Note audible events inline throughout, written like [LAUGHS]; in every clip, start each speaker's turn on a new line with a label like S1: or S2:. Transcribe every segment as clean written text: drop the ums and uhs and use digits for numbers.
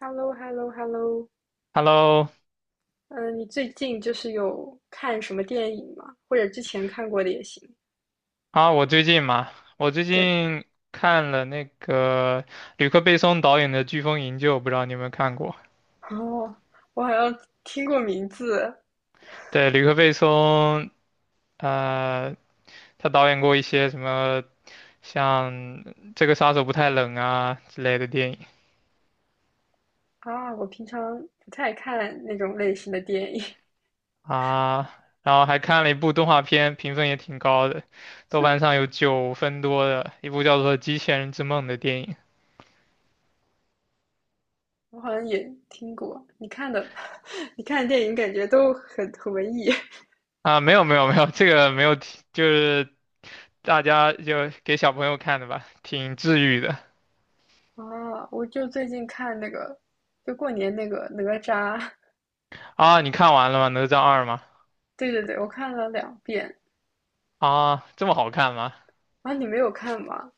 S1: h e l l o h e l l o h e l l o
S2: Hello，
S1: 嗯，你最近就是有看什么电影吗？或者之前看过的也行。
S2: 啊，我最
S1: 对。
S2: 近看了那个吕克·贝松导演的《飓风营救》，不知道你有没有看过？
S1: 哦，我好像听过名字。
S2: 对，吕克·贝松，呃，他导演过一些什么像《这个杀手不太冷》啊之类的电影
S1: 啊，我平常不太看那种类型的电影。
S2: 啊，然后还看了一部动画片，评分也挺高的，豆瓣上有9分多的一部叫做《机器人之梦》的电影
S1: 我好像也听过。你看的，[LAUGHS] 你看的电影感觉都很文艺。
S2: 啊，没有没有没有，这个没有提，就是大家就给小朋友看的吧，挺治愈的
S1: 啊。我就最近看那个，就过年那个哪吒。
S2: 啊。你看完了吗？哪吒二吗？
S1: 对对对，我看了两遍。
S2: 啊，这么好看吗？
S1: 啊，你没有看吗？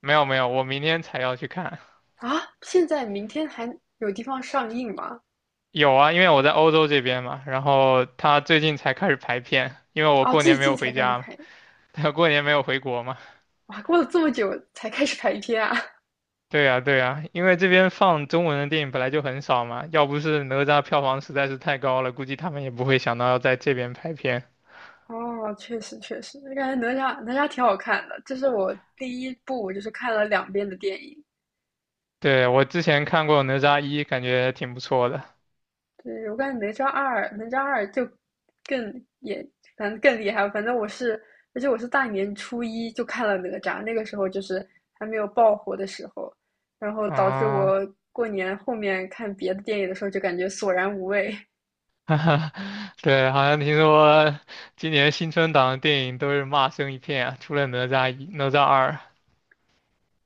S2: 没有没有，我明天才要去看。
S1: 啊，现在明天还有地方上映吗？
S2: 有啊，因为我在欧洲这边嘛，然后他最近才开始排片，因为我
S1: 哦，
S2: 过
S1: 最
S2: 年没
S1: 近
S2: 有
S1: 才
S2: 回
S1: 开始
S2: 家嘛，
S1: 拍。
S2: [LAUGHS] 他过年没有回国嘛。
S1: 哇，过了这么久才开始拍片啊！
S2: 对呀对呀，因为这边放中文的电影本来就很少嘛，要不是哪吒票房实在是太高了，估计他们也不会想到要在这边排片。
S1: [LAUGHS] 哦，确实确实，我感觉哪吒挺好看的，这是我第一部我就是看了两遍的电影。
S2: 对，我之前看过哪吒一，感觉挺不错的。
S1: 对，我感觉哪吒二就更也反正更厉害。反正我是，而且我是大年初一就看了哪吒，那个时候就是还没有爆火的时候，然后导致
S2: 啊，
S1: 我过年后面看别的电影的时候就感觉索然无味。[LAUGHS]
S2: [LAUGHS] 对，好像听说今年新春档的电影都是骂声一片啊，除了哪吒一、哪吒二。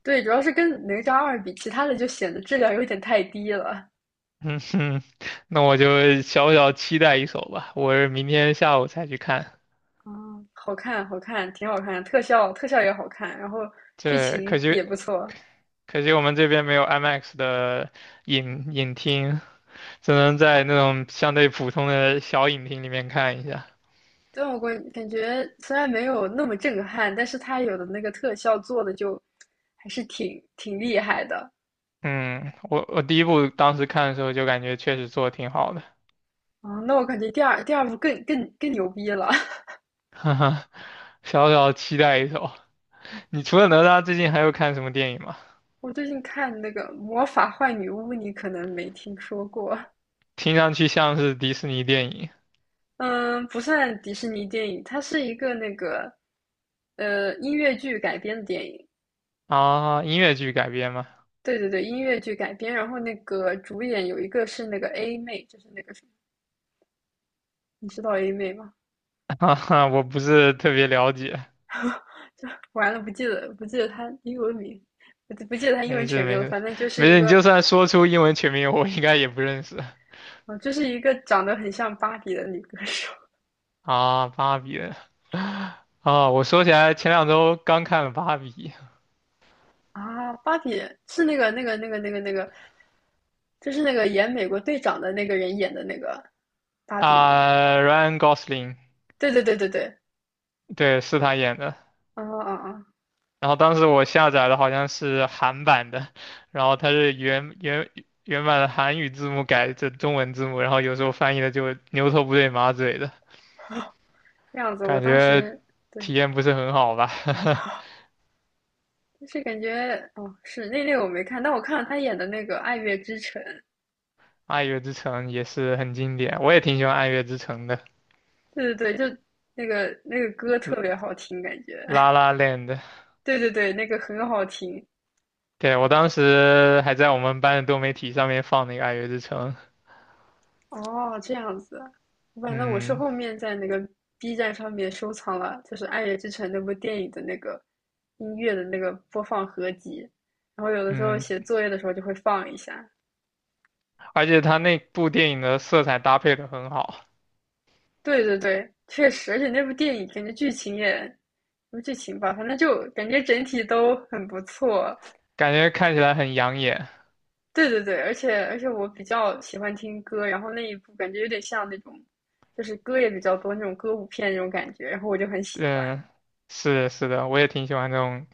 S1: 对，主要是跟哪吒二比，其他的就显得质量有点太低了。
S2: 嗯哼，那我就小小期待一手吧。我是明天下午才去看，
S1: 啊，好看，好看，挺好看，特效也好看，然后剧
S2: 这可
S1: 情
S2: 惜
S1: 也不错。
S2: 可惜我们这边没有 IMAX 的影厅，只能在那种相对普通的小影厅里面看一下。
S1: 但我感觉虽然没有那么震撼，但是它有的那个特效做的就还是挺厉害的。
S2: 嗯，我第一部当时看的时候就感觉确实做的挺好的，
S1: 啊、那我感觉第二部更牛逼了。
S2: [LAUGHS] 哈哈，小小期待一手。你除了哪吒，最近还有看什么电影吗？
S1: [LAUGHS] 我最近看那个《魔法坏女巫》，你可能没听说过。
S2: 听上去像是迪士尼电影
S1: 嗯，不算迪士尼电影，它是一个那个音乐剧改编的电影。
S2: 啊，音乐剧改编吗？
S1: 对对对，音乐剧改编，然后那个主演有一个是那个 A 妹，就是那个什么，你知道 A 妹吗？
S2: [LAUGHS] 哈哈，[LAUGHS] 我不是特别了解。
S1: 就完了，不记得她英文名，不记得她英文
S2: 没事
S1: 全名
S2: 没
S1: 了，
S2: 事
S1: 反正就是
S2: 没
S1: 一
S2: 事，你
S1: 个。
S2: 就算说出英文全名，我应该也不认识
S1: 就是一个长得很像芭比的女歌手。
S2: 啊。芭比啊，我说起来，前2周刚看了芭比
S1: [LAUGHS] 啊，芭比是那个，就是那个演美国队长的那个人演的那个芭比吗？
S2: 啊，Ryan Gosling，
S1: 对对对对对。
S2: 对，是他演的。
S1: 啊啊啊。
S2: 然后当时我下载的好像是韩版的，然后它是原版的韩语字幕改成中文字幕，然后有时候翻译的就牛头不对马嘴的
S1: 这样子，我
S2: 感
S1: 当
S2: 觉，
S1: 时对。
S2: 体验不是很好吧？[LAUGHS]
S1: [LAUGHS] 就是感觉哦，是那个我没看，但我看了他演的那个《爱乐之城》。
S2: 《爱乐之城》也是很经典，我也挺喜欢《爱乐之城》的，
S1: 对对对，就那个歌特别好听，感觉。
S2: 《La
S1: [LAUGHS]
S2: La Land》。
S1: 对对对，那个很好听。
S2: 对，我当时还在我们班的多媒体上面放那个《爱乐之城》，
S1: 哦，这样子，反正我是
S2: 嗯
S1: 后面在那个 B 站上面收藏了，就是《爱乐之城》那部电影的那个音乐的那个播放合集，然后有的时候
S2: 嗯，
S1: 写作业的时候就会放一下。
S2: 而且他那部电影的色彩搭配的很好，
S1: 对对对，确实，而且那部电影感觉剧情也，什么剧情吧，反正就感觉整体都很不错。
S2: 感觉看起来很养眼。
S1: 对对对，而且我比较喜欢听歌，然后那一部感觉有点像那种，就是歌也比较多那种歌舞片那种感觉，然后我就很喜欢。
S2: 嗯，是的是的，我也挺喜欢这种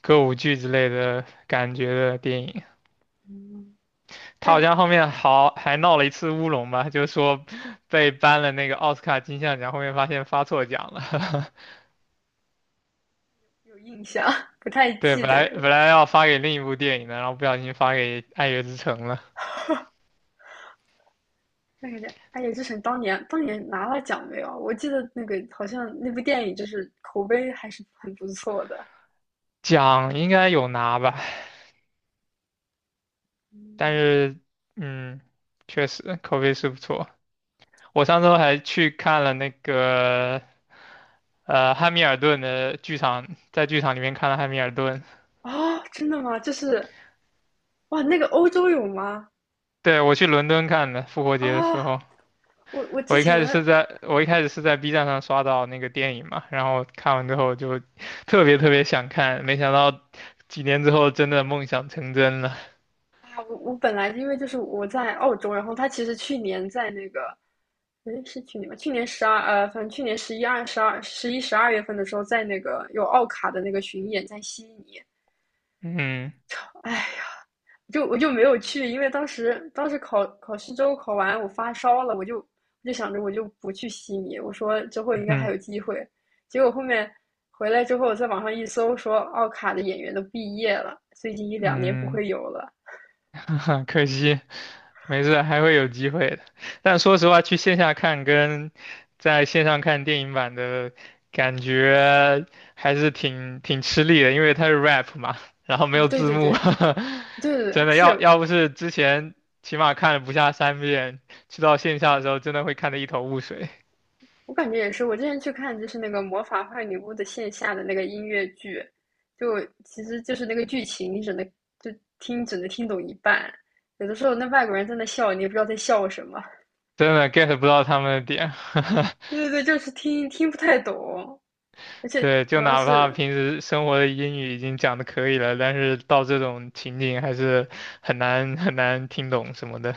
S2: 歌舞剧之类的感觉的电影。
S1: 嗯。那
S2: 他好像后面好还闹了一次乌龙吧，就是说被颁了那个奥斯卡金像奖，后面发现发错奖了。[LAUGHS]
S1: 有印象，[LAUGHS] 不太
S2: 对，
S1: 记
S2: 本
S1: 得
S2: 来本
S1: 了。
S2: 来要发给另一部电影的，然后不小心发给《爱乐之城》了。
S1: 那个叫哎乐之城当年拿了奖没有啊？我记得那个好像那部电影就是口碑还是很不错的。
S2: 奖应该有拿吧，但
S1: 嗯。
S2: 是嗯，确实口碑是不错。我上周还去看了那个汉密尔顿的剧场，在剧场里面看了汉密尔顿。
S1: 哦，真的吗？就是哇，那个欧洲有吗？
S2: 对，我去伦敦看的，复活
S1: 啊，
S2: 节的时候。
S1: 我之
S2: 我一
S1: 前。
S2: 开始是在我一开始是在 B 站上刷到那个电影嘛，然后看完之后就 [LAUGHS] 特别特别想看，没想到几年之后真的梦想成真了。
S1: 啊，我本来因为就是我在澳洲，然后他其实去年在那个，诶，是去年吧？去年十二反正去年十一、二、十二、十一、十二月份的时候，在那个有奥卡的那个巡演，在悉尼。
S2: 嗯
S1: 唉，就我就没有去，因为当时考试周考完，我发烧了，我就想着我就不去悉尼，我说之后应该还
S2: 嗯
S1: 有机会。结果后面回来之后，我在网上一搜，说奥卡的演员都毕业了，最近一两年不
S2: 嗯。
S1: 会有了。
S2: [LAUGHS] 可惜，没事，还会有机会的。但说实话，去线下看跟在线上看电影版的感觉还是挺吃力的，因为它是 rap 嘛，然后没
S1: 啊，
S2: 有
S1: 对
S2: 字
S1: 对对。
S2: 幕，
S1: 对对
S2: [LAUGHS]
S1: 对，
S2: 真的要
S1: 是
S2: 要不是之前起码看了不下3遍，去到线下的时候真的会看得一头雾水，
S1: 我感觉也是。我之前去看就是那个《魔法坏女巫》的线下的那个音乐剧，就其实就是那个剧情，你只能就听，只能听懂一半。有的时候那外国人在那笑，你也不知道在笑什么。
S2: 真的 get 不到他们的点。
S1: [LAUGHS]
S2: [LAUGHS]
S1: 对对对，就是听不太懂。而且
S2: 对，
S1: 主
S2: 就
S1: 要
S2: 哪怕
S1: 是，
S2: 平时生活的英语已经讲的可以了，但是到这种情景还是很难很难听懂什么的。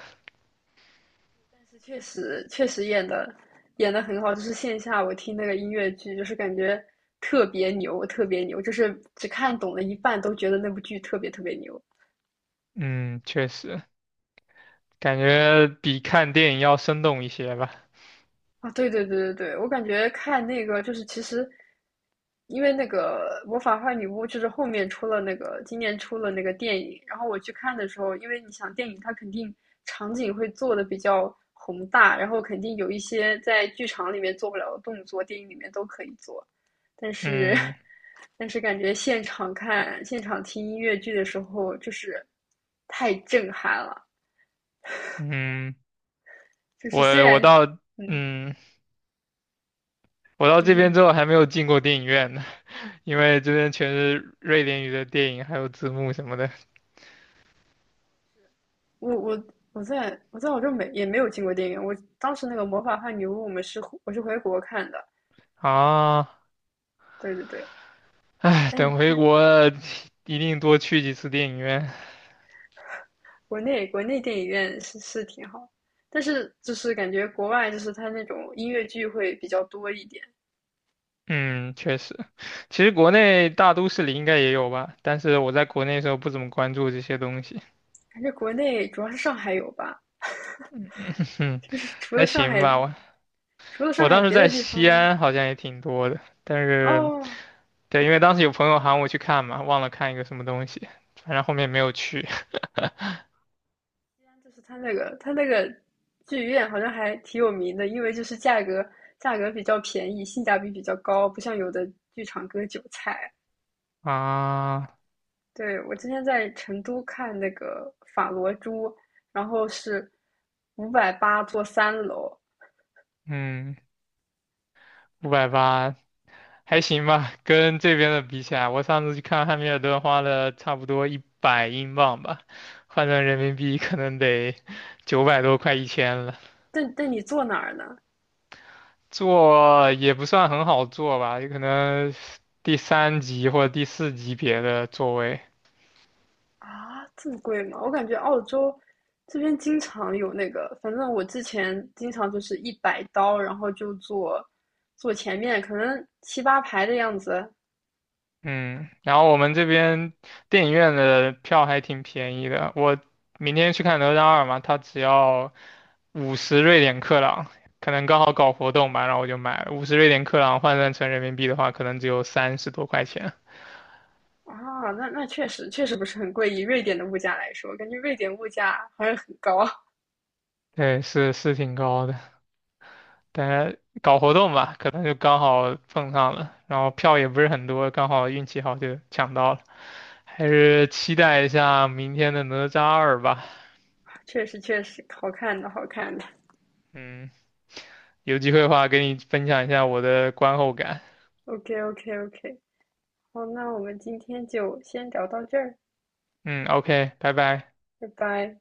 S1: 但是确实确实演的很好，就是线下我听那个音乐剧，就是感觉特别牛，特别牛，就是只看懂了一半都觉得那部剧特别特别牛。
S2: 嗯，确实，感觉比看电影要生动一些吧。
S1: 啊，对对对对对，我感觉看那个就是其实，因为那个《魔法坏女巫》就是后面出了那个今年出了那个电影，然后我去看的时候，因为你想电影它肯定场景会做的比较宏大，然后肯定有一些在剧场里面做不了的动作，电影里面都可以做，但是。
S2: 嗯
S1: [LAUGHS] 但是感觉现场看现场听音乐剧的时候，就是太震撼了，
S2: 嗯，
S1: 就是
S2: 我
S1: 虽
S2: 我
S1: 然。
S2: 到
S1: 嗯。
S2: 嗯我到
S1: 就
S2: 这
S1: 是
S2: 边之后还没有进过电影院呢，[LAUGHS] 因为这边全是瑞典语的电影，还有字幕什么的
S1: 我我我在我洲没也没有进过电影院，我当时那个《魔法和女巫》我是回国看的。
S2: 啊。
S1: 对对对，但是
S2: 等
S1: 这
S2: 回国了一定多去几次电影院。
S1: 国内电影院是挺好，但是就是感觉国外就是它那种音乐剧会比较多一点，
S2: 嗯，确实，其实国内大都市里应该也有吧，但是我在国内的时候不怎么关注这些东西，
S1: 感觉国内主要是上海有吧，
S2: [LAUGHS] 哼，
S1: 就是除了
S2: 还
S1: 上
S2: 行
S1: 海
S2: 吧。我
S1: 除了上
S2: 我
S1: 海
S2: 当时
S1: 别
S2: 在
S1: 的地
S2: 西
S1: 方。
S2: 安好像也挺多的，但是
S1: 哦，
S2: 对，因为当时有朋友喊我去看嘛，忘了看一个什么东西，反正后面没有去
S1: 就是它那个剧院好像还挺有名的，因为就是价格比较便宜，性价比比较高，不像有的剧场割韭菜。
S2: [LAUGHS] 啊。
S1: 对，我之前在成都看那个《法罗珠》，然后是580坐3楼。
S2: 嗯，580还行吧，跟这边的比起来，我上次去看汉密尔顿花了差不多100英镑吧，换成人民币可能得900多，快1000了。
S1: 但你坐哪儿呢？
S2: 做也不算很好做吧，有可能第3级或者第4级别的座位。
S1: 啊，这么贵吗？我感觉澳洲这边经常有那个，反正我之前经常就是100刀，然后就坐前面，可能7、8排的样子。
S2: 嗯，然后我们这边电影院的票还挺便宜的，我明天去看《哪吒二》嘛，它只要五十瑞典克朗，可能刚好搞活动吧，然后我就买了五十瑞典克朗，换算成人民币的话，可能只有30多块钱。
S1: 啊，那确实确实不是很贵，以瑞典的物价来说，感觉瑞典物价好像很高。
S2: 对，是挺高的。大家搞活动吧，可能就刚好碰上了，然后票也不是很多，刚好运气好就抢到了，还是期待一下明天的哪吒二吧。
S1: [LAUGHS] 确实确实，好看的好看的。
S2: 嗯，有机会的话给你分享一下我的观后感。
S1: OK OK OK，好，那我们今天就先聊到这儿，
S2: 嗯，OK，拜拜。
S1: 拜拜。